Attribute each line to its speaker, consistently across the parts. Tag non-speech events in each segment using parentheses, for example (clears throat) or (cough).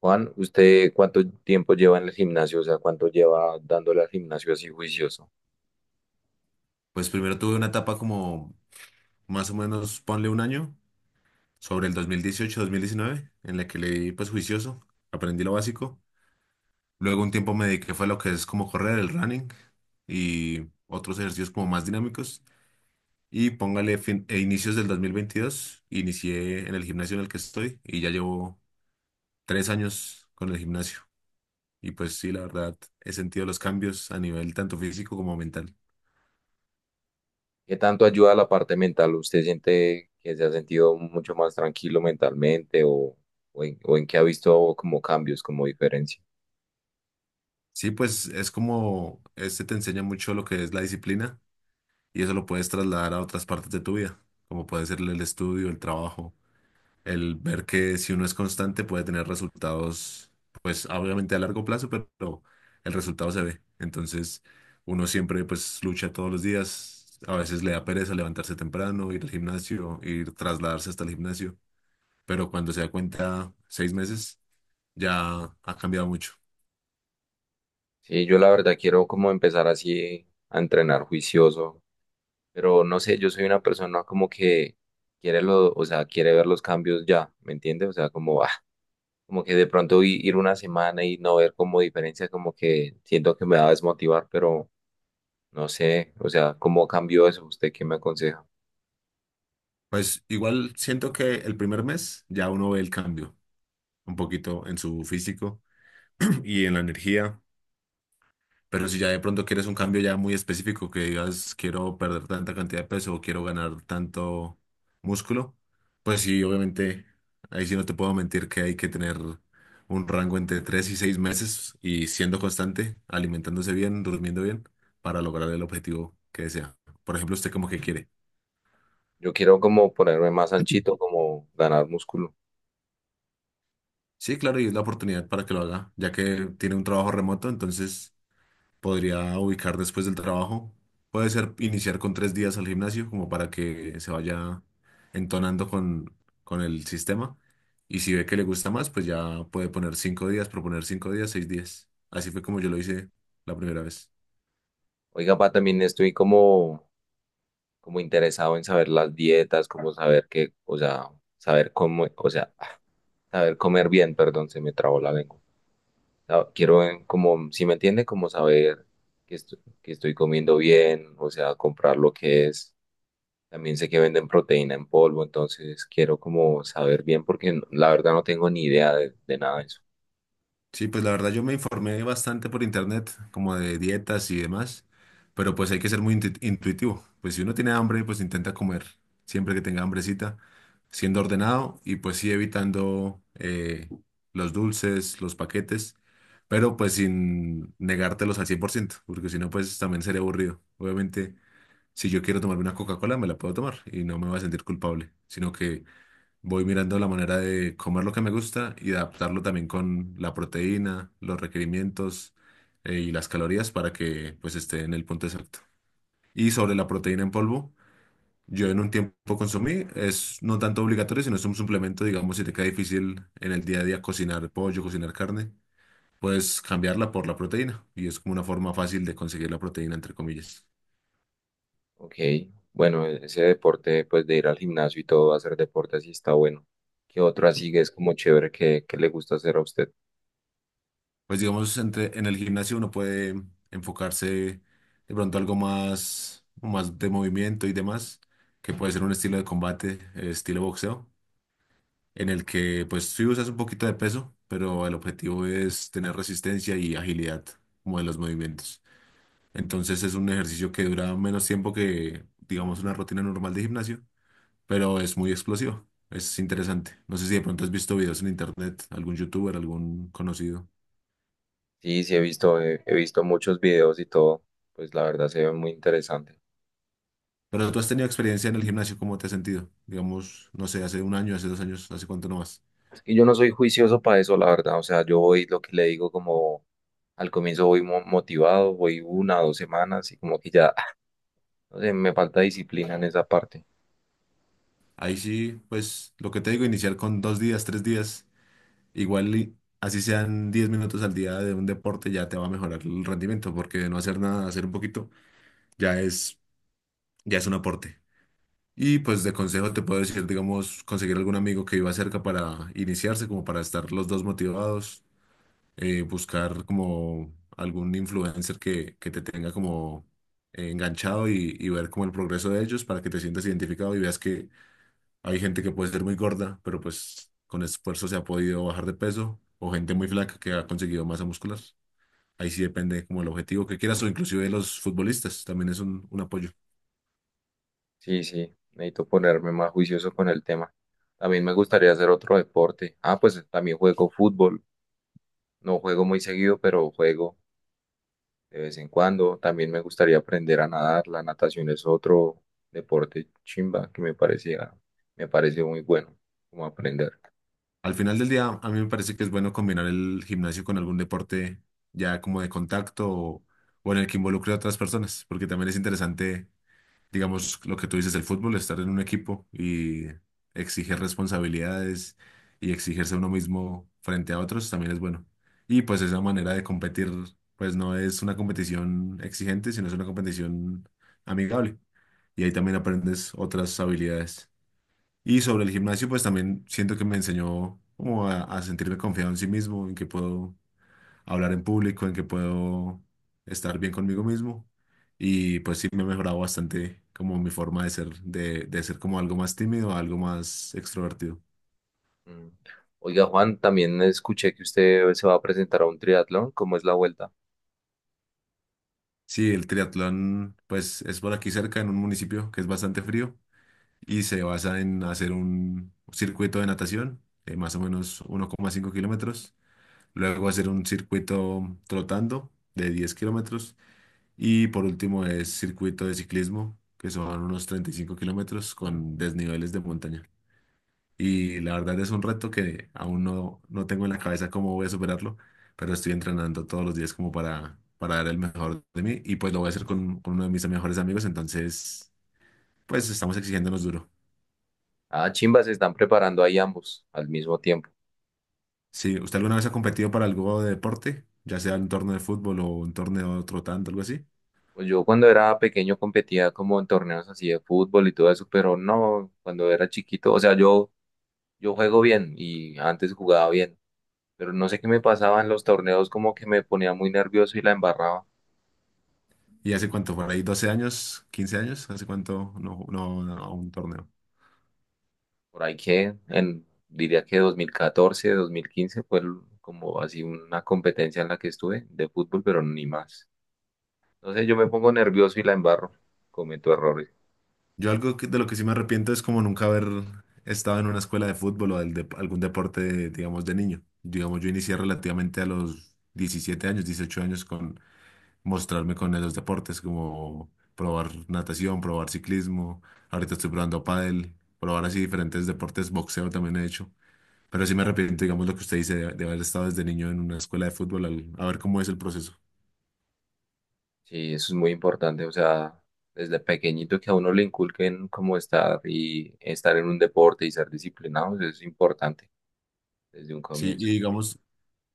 Speaker 1: Juan, ¿usted cuánto tiempo lleva en el gimnasio? O sea, ¿cuánto lleva dándole al gimnasio así juicioso?
Speaker 2: Pues primero tuve una etapa como más o menos, ponle un año, sobre el 2018 mil diecinueve, en la que leí pues juicioso, aprendí lo básico. Luego un tiempo me dediqué fue a lo que es como correr, el running y otros ejercicios como más dinámicos. Y póngale fin, e inicios del 2022 inicié en el gimnasio en el que estoy y ya llevo 3 años con el gimnasio. Y pues sí, la verdad, he sentido los cambios a nivel tanto físico como mental.
Speaker 1: ¿Qué tanto ayuda la parte mental? ¿Usted siente que se ha sentido mucho más tranquilo mentalmente o en qué ha visto como cambios, como diferencia?
Speaker 2: Sí, pues es como, este te enseña mucho lo que es la disciplina. Y eso lo puedes trasladar a otras partes de tu vida, como puede ser el estudio, el trabajo, el ver que si uno es constante puede tener resultados, pues obviamente a largo plazo, pero el resultado se ve. Entonces, uno siempre pues lucha todos los días, a veces le da pereza levantarse temprano, ir al gimnasio, ir trasladarse hasta el gimnasio, pero cuando se da cuenta, 6 meses, ya ha cambiado mucho.
Speaker 1: Sí, yo la verdad quiero como empezar así a entrenar juicioso, pero no sé, yo soy una persona como que quiere lo, o sea, quiere ver los cambios ya, ¿me entiende? O sea, como, (laughs) como que de pronto ir una semana y no ver como diferencia, como que siento que me va a desmotivar, pero no sé, o sea, ¿cómo cambió eso? ¿Usted qué me aconseja?
Speaker 2: Pues igual siento que el primer mes ya uno ve el cambio un poquito en su físico (clears throat) y en la energía. Pero si ya de pronto quieres un cambio ya muy específico, que digas quiero perder tanta cantidad de peso o quiero ganar tanto músculo, pues sí, obviamente, ahí sí no te puedo mentir que hay que tener un rango entre 3 y 6 meses y siendo constante, alimentándose bien, durmiendo bien, para lograr el objetivo que desea. Por ejemplo, usted como que quiere.
Speaker 1: Yo quiero como ponerme más anchito, como ganar músculo.
Speaker 2: Sí, claro, y es la oportunidad para que lo haga, ya que tiene un trabajo remoto, entonces podría ubicar después del trabajo. Puede ser iniciar con 3 días al gimnasio, como para que se vaya entonando con el sistema. Y si ve que le gusta más, pues ya puede poner 5 días, proponer 5 días, 6 días. Así fue como yo lo hice la primera vez.
Speaker 1: Oiga, pa, también estoy como, como interesado en saber las dietas, como saber qué, o sea, saber cómo, o sea, saber comer bien, perdón, se me trabó la lengua. Quiero como, si me entiende, como saber que, que estoy comiendo bien, o sea, comprar lo que es. También sé que venden proteína en polvo, entonces quiero como saber bien porque la verdad no tengo ni idea de nada de eso.
Speaker 2: Sí, pues la verdad yo me informé bastante por internet, como de dietas y demás, pero pues hay que ser muy intuitivo. Pues si uno tiene hambre, pues intenta comer siempre que tenga hambrecita, siendo ordenado y pues sí evitando los dulces, los paquetes, pero pues sin negártelos al 100%, porque si no, pues también sería aburrido. Obviamente, si yo quiero tomarme una Coca-Cola, me la puedo tomar y no me voy a sentir culpable, sino que voy mirando la manera de comer lo que me gusta y de adaptarlo también con la proteína, los requerimientos y las calorías para que pues esté en el punto exacto. Y sobre la proteína en polvo, yo en un tiempo consumí, es no tanto obligatorio, sino es un suplemento, digamos, si te queda difícil en el día a día cocinar pollo, cocinar carne, puedes cambiarla por la proteína y es como una forma fácil de conseguir la proteína, entre comillas.
Speaker 1: Ok, bueno, ese deporte pues de ir al gimnasio y todo, hacer deporte así está bueno. ¿Qué otro así que es como chévere que le gusta hacer a usted?
Speaker 2: Pues digamos, en el gimnasio uno puede enfocarse de pronto algo más de movimiento y demás, que puede ser un estilo de combate, estilo boxeo, en el que pues sí usas un poquito de peso, pero el objetivo es tener resistencia y agilidad como de los movimientos. Entonces es un ejercicio que dura menos tiempo que, digamos, una rutina normal de gimnasio, pero es muy explosivo. Es interesante. No sé si de pronto has visto videos en internet, algún youtuber, algún conocido.
Speaker 1: Sí, sí, he visto muchos videos y todo, pues la verdad se ve muy interesante.
Speaker 2: Pero tú has tenido experiencia en el gimnasio, ¿cómo te has sentido? Digamos, no sé, hace un año, hace dos años, hace cuánto nomás.
Speaker 1: Es que yo no soy juicioso para eso, la verdad, o sea, yo voy lo que le digo como al comienzo voy motivado, voy una o dos semanas y como que ya, (laughs) no sé, me falta disciplina en esa parte.
Speaker 2: Ahí sí, pues lo que te digo, iniciar con 2 días, 3 días, igual y así sean 10 minutos al día de un deporte, ya te va a mejorar el rendimiento, porque de no hacer nada, hacer un poquito, ya es, ya es un aporte. Y pues de consejo te puedo decir, digamos, conseguir algún amigo que viva cerca para iniciarse, como para estar los dos motivados, buscar como algún influencer que te tenga como enganchado y ver como el progreso de ellos para que te sientas identificado y veas que hay gente que puede ser muy gorda, pero pues con esfuerzo se ha podido bajar de peso, o gente muy flaca que ha conseguido masa muscular. Ahí sí depende como el objetivo que quieras o inclusive de los futbolistas, también es un apoyo.
Speaker 1: Sí, sí, necesito ponerme más juicioso con el tema. También me gustaría hacer otro deporte. Ah, pues también juego fútbol. No juego muy seguido, pero juego de vez en cuando. También me gustaría aprender a nadar. La natación es otro deporte chimba que me parecía, me parece muy bueno como aprender.
Speaker 2: Al final del día, a mí me parece que es bueno combinar el gimnasio con algún deporte ya como de contacto o en el que involucre a otras personas, porque también es interesante, digamos, lo que tú dices, el fútbol, estar en un equipo y exigir responsabilidades y exigirse a uno mismo frente a otros también es bueno. Y pues esa manera de competir, pues no es una competición exigente, sino es una competición amigable. Y ahí también aprendes otras habilidades. Y sobre el gimnasio, pues también siento que me enseñó como a sentirme confiado en sí mismo, en que puedo hablar en público, en que puedo estar bien conmigo mismo. Y pues sí me he mejorado bastante como mi forma de ser, de ser como algo más tímido, a algo más extrovertido.
Speaker 1: Mm. Oiga, Juan, también escuché que usted se va a presentar a un triatlón. ¿Cómo es la vuelta?
Speaker 2: Sí, el triatlón pues es por aquí cerca en un municipio que es bastante frío y se basa en hacer un circuito de natación de más o menos 1,5 kilómetros, luego hacer un circuito trotando de 10 kilómetros. Y por último es circuito de ciclismo, que son unos 35 kilómetros con desniveles de montaña. Y la verdad es un reto que aún no tengo en la cabeza cómo voy a superarlo, pero estoy entrenando todos los días como para dar el mejor de mí. Y pues lo voy a hacer con uno de mis mejores amigos, entonces pues estamos exigiéndonos duro.
Speaker 1: Ah, chimba, se están preparando ahí ambos al mismo tiempo.
Speaker 2: Si usted alguna vez ha competido para algo de deporte, ya sea un torneo de fútbol o un torneo trotando, algo así.
Speaker 1: Pues yo cuando era pequeño competía como en torneos así de fútbol y todo eso, pero no, cuando era chiquito, o sea, yo juego bien y antes jugaba bien, pero no sé qué me pasaba en los torneos, como que me ponía muy nervioso y la embarraba.
Speaker 2: ¿Y hace cuánto? ¿Por ahí 12 años? ¿15 años? ¿Hace cuánto no a un torneo?
Speaker 1: Por ahí que, en, diría que 2014, 2015 fue como así una competencia en la que estuve de fútbol, pero ni más. Entonces yo me pongo nervioso y la embarro, cometo errores.
Speaker 2: Yo algo de lo que sí me arrepiento es como nunca haber estado en una escuela de fútbol o del algún deporte, digamos, de niño. Digamos, yo inicié relativamente a los 17 años, 18 años con mostrarme con los deportes, como probar natación, probar ciclismo. Ahorita estoy probando pádel, probar así diferentes deportes, boxeo también he hecho. Pero sí me arrepiento, digamos, lo que usted dice de haber estado desde niño en una escuela de fútbol, a ver cómo es el proceso.
Speaker 1: Sí, eso es muy importante, o sea, desde pequeñito que a uno le inculquen cómo estar y estar en un deporte y ser disciplinados es importante desde un
Speaker 2: Sí, y
Speaker 1: comienzo.
Speaker 2: digamos,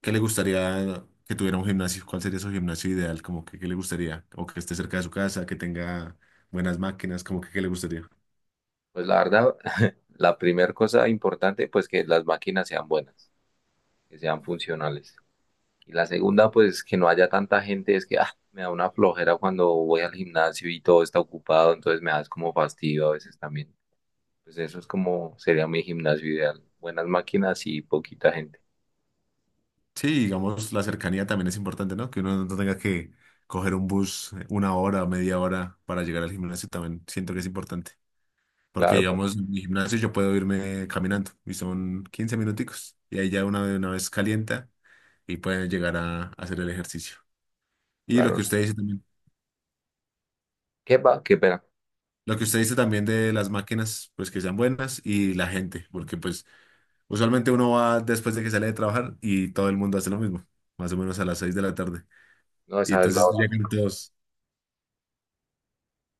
Speaker 2: ¿qué le gustaría que tuviera un gimnasio? ¿Cuál sería su gimnasio ideal? Como que, ¿qué le gustaría? O que esté cerca de su casa, que tenga buenas máquinas, como que, ¿qué le gustaría?
Speaker 1: Pues la verdad, (laughs) la primera cosa importante, pues que las máquinas sean buenas, que sean funcionales. Y la segunda, pues que no haya tanta gente, es que ah, me da una flojera cuando voy al gimnasio y todo está ocupado, entonces me da es como fastidio a veces también. Pues eso es como sería mi gimnasio ideal, buenas máquinas y poquita gente.
Speaker 2: Sí, digamos, la cercanía también es importante, ¿no? Que uno no tenga que coger un bus una hora, media hora para llegar al gimnasio, también siento que es importante. Porque,
Speaker 1: Claro,
Speaker 2: digamos, en mi gimnasio yo puedo irme caminando y son 15 minuticos y ahí ya una vez calienta y puede llegar a hacer el ejercicio. Y lo
Speaker 1: claro.
Speaker 2: que
Speaker 1: ¿No?
Speaker 2: usted dice también
Speaker 1: ¿Qué va? Qué pena.
Speaker 2: Lo que usted dice también de las máquinas, pues que sean buenas y la gente, porque pues usualmente uno va después de que sale de trabajar y todo el mundo hace lo mismo, más o menos a las 6 de la tarde.
Speaker 1: No,
Speaker 2: Y
Speaker 1: esa es la
Speaker 2: entonces
Speaker 1: hora.
Speaker 2: llegan todos,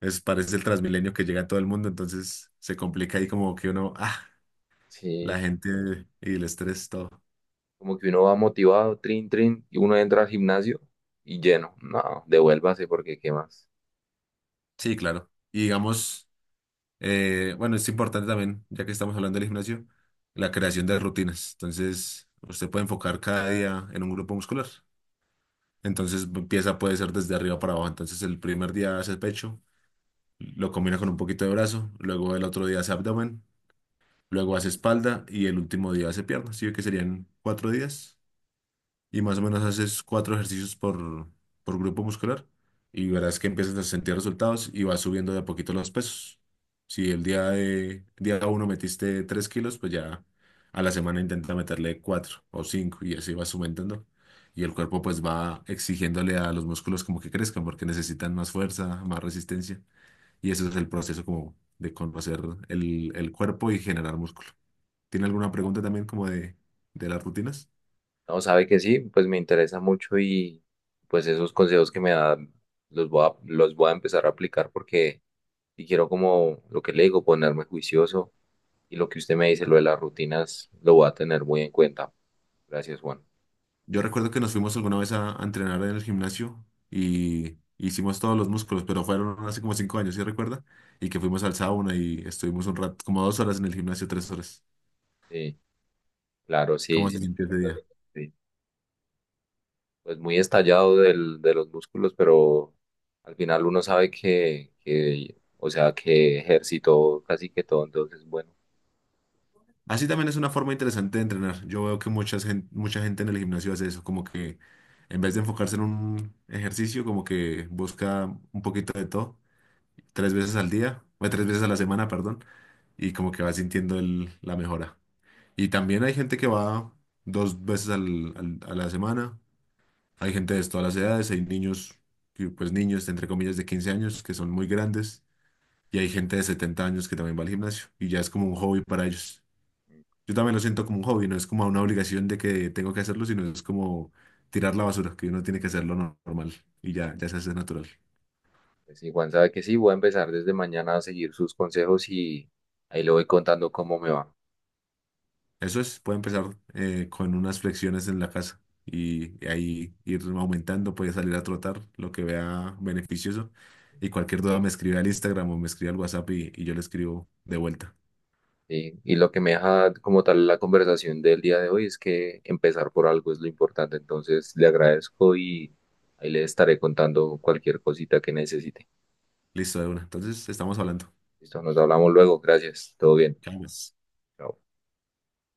Speaker 2: es, parece el Transmilenio que llega todo el mundo, entonces se complica ahí como que uno, la
Speaker 1: Sí,
Speaker 2: gente y el estrés, todo.
Speaker 1: como que uno va motivado, trin, trin, y uno entra al gimnasio y lleno. No, devuélvase porque qué más.
Speaker 2: Sí, claro. Y digamos, bueno, es importante también, ya que estamos hablando del gimnasio, la creación de rutinas. Entonces, usted puede enfocar cada día en un grupo muscular. Entonces empieza, puede ser desde arriba para abajo. Entonces el primer día hace pecho, lo combina con un poquito de brazo, luego el otro día hace abdomen, luego hace espalda y el último día hace piernas. Sí, que serían 4 días y más o menos haces cuatro ejercicios por grupo muscular y verás que empiezas a sentir resultados y vas subiendo de a poquito los pesos. Si el día día uno metiste 3 kilos, pues ya a la semana intenta meterle cuatro o cinco y así vas aumentando. Y el cuerpo pues va exigiéndole a los músculos como que crezcan porque necesitan más fuerza, más resistencia. Y eso es el proceso como de conocer el cuerpo y generar músculo. ¿Tiene alguna pregunta también como de las rutinas?
Speaker 1: No, sabe que sí, pues me interesa mucho y pues esos consejos que me da los voy a empezar a aplicar porque si quiero como lo que le digo, ponerme juicioso y lo que usted me dice, lo de las rutinas, lo voy a tener muy en cuenta. Gracias, Juan.
Speaker 2: Yo recuerdo que nos fuimos alguna vez a entrenar en el gimnasio y hicimos todos los músculos, pero fueron hace como 5 años, ¿sí recuerda? Y que fuimos al sauna y estuvimos un rato, como 2 horas en el gimnasio, 3 horas.
Speaker 1: Sí, claro,
Speaker 2: ¿Cómo
Speaker 1: sí.
Speaker 2: se
Speaker 1: Sí.
Speaker 2: sintió ese día?
Speaker 1: Sí. Pues muy estallado de los músculos, pero al final uno sabe que, o sea, que ejercitó casi que todo, entonces, bueno,
Speaker 2: Así también es una forma interesante de entrenar. Yo veo que mucha gente en el gimnasio hace eso, como que en vez de enfocarse en un ejercicio, como que busca un poquito de todo, tres veces al día, o tres veces a la semana, perdón, y como que va sintiendo la mejora. Y también hay gente que va dos veces a la semana. Hay gente de todas las edades. Hay niños, que, pues niños, entre comillas, de 15 años que son muy grandes. Y hay gente de 70 años que también va al gimnasio. Y ya es como un hobby para ellos. Yo también lo siento como un hobby. No es como una obligación de que tengo que hacerlo, sino es como tirar la basura, que uno tiene que hacerlo normal. Y ya, ya se hace natural.
Speaker 1: pues sí, Juan, sabe que sí, voy a empezar desde mañana a seguir sus consejos y ahí le voy contando cómo me va.
Speaker 2: Eso es, puede empezar con unas flexiones en la casa y ahí ir aumentando, puede salir a trotar, lo que vea beneficioso. Y cualquier duda me escribe al Instagram o me escribe al WhatsApp y yo le escribo de vuelta.
Speaker 1: ¿Sí? Y lo que me deja como tal la conversación del día de hoy es que empezar por algo es lo importante, entonces le agradezco y ahí le estaré contando cualquier cosita que necesite.
Speaker 2: Listo, de una. Entonces, estamos hablando.
Speaker 1: Listo, nos hablamos luego, gracias, todo bien.
Speaker 2: Chao, pues.
Speaker 1: Chao.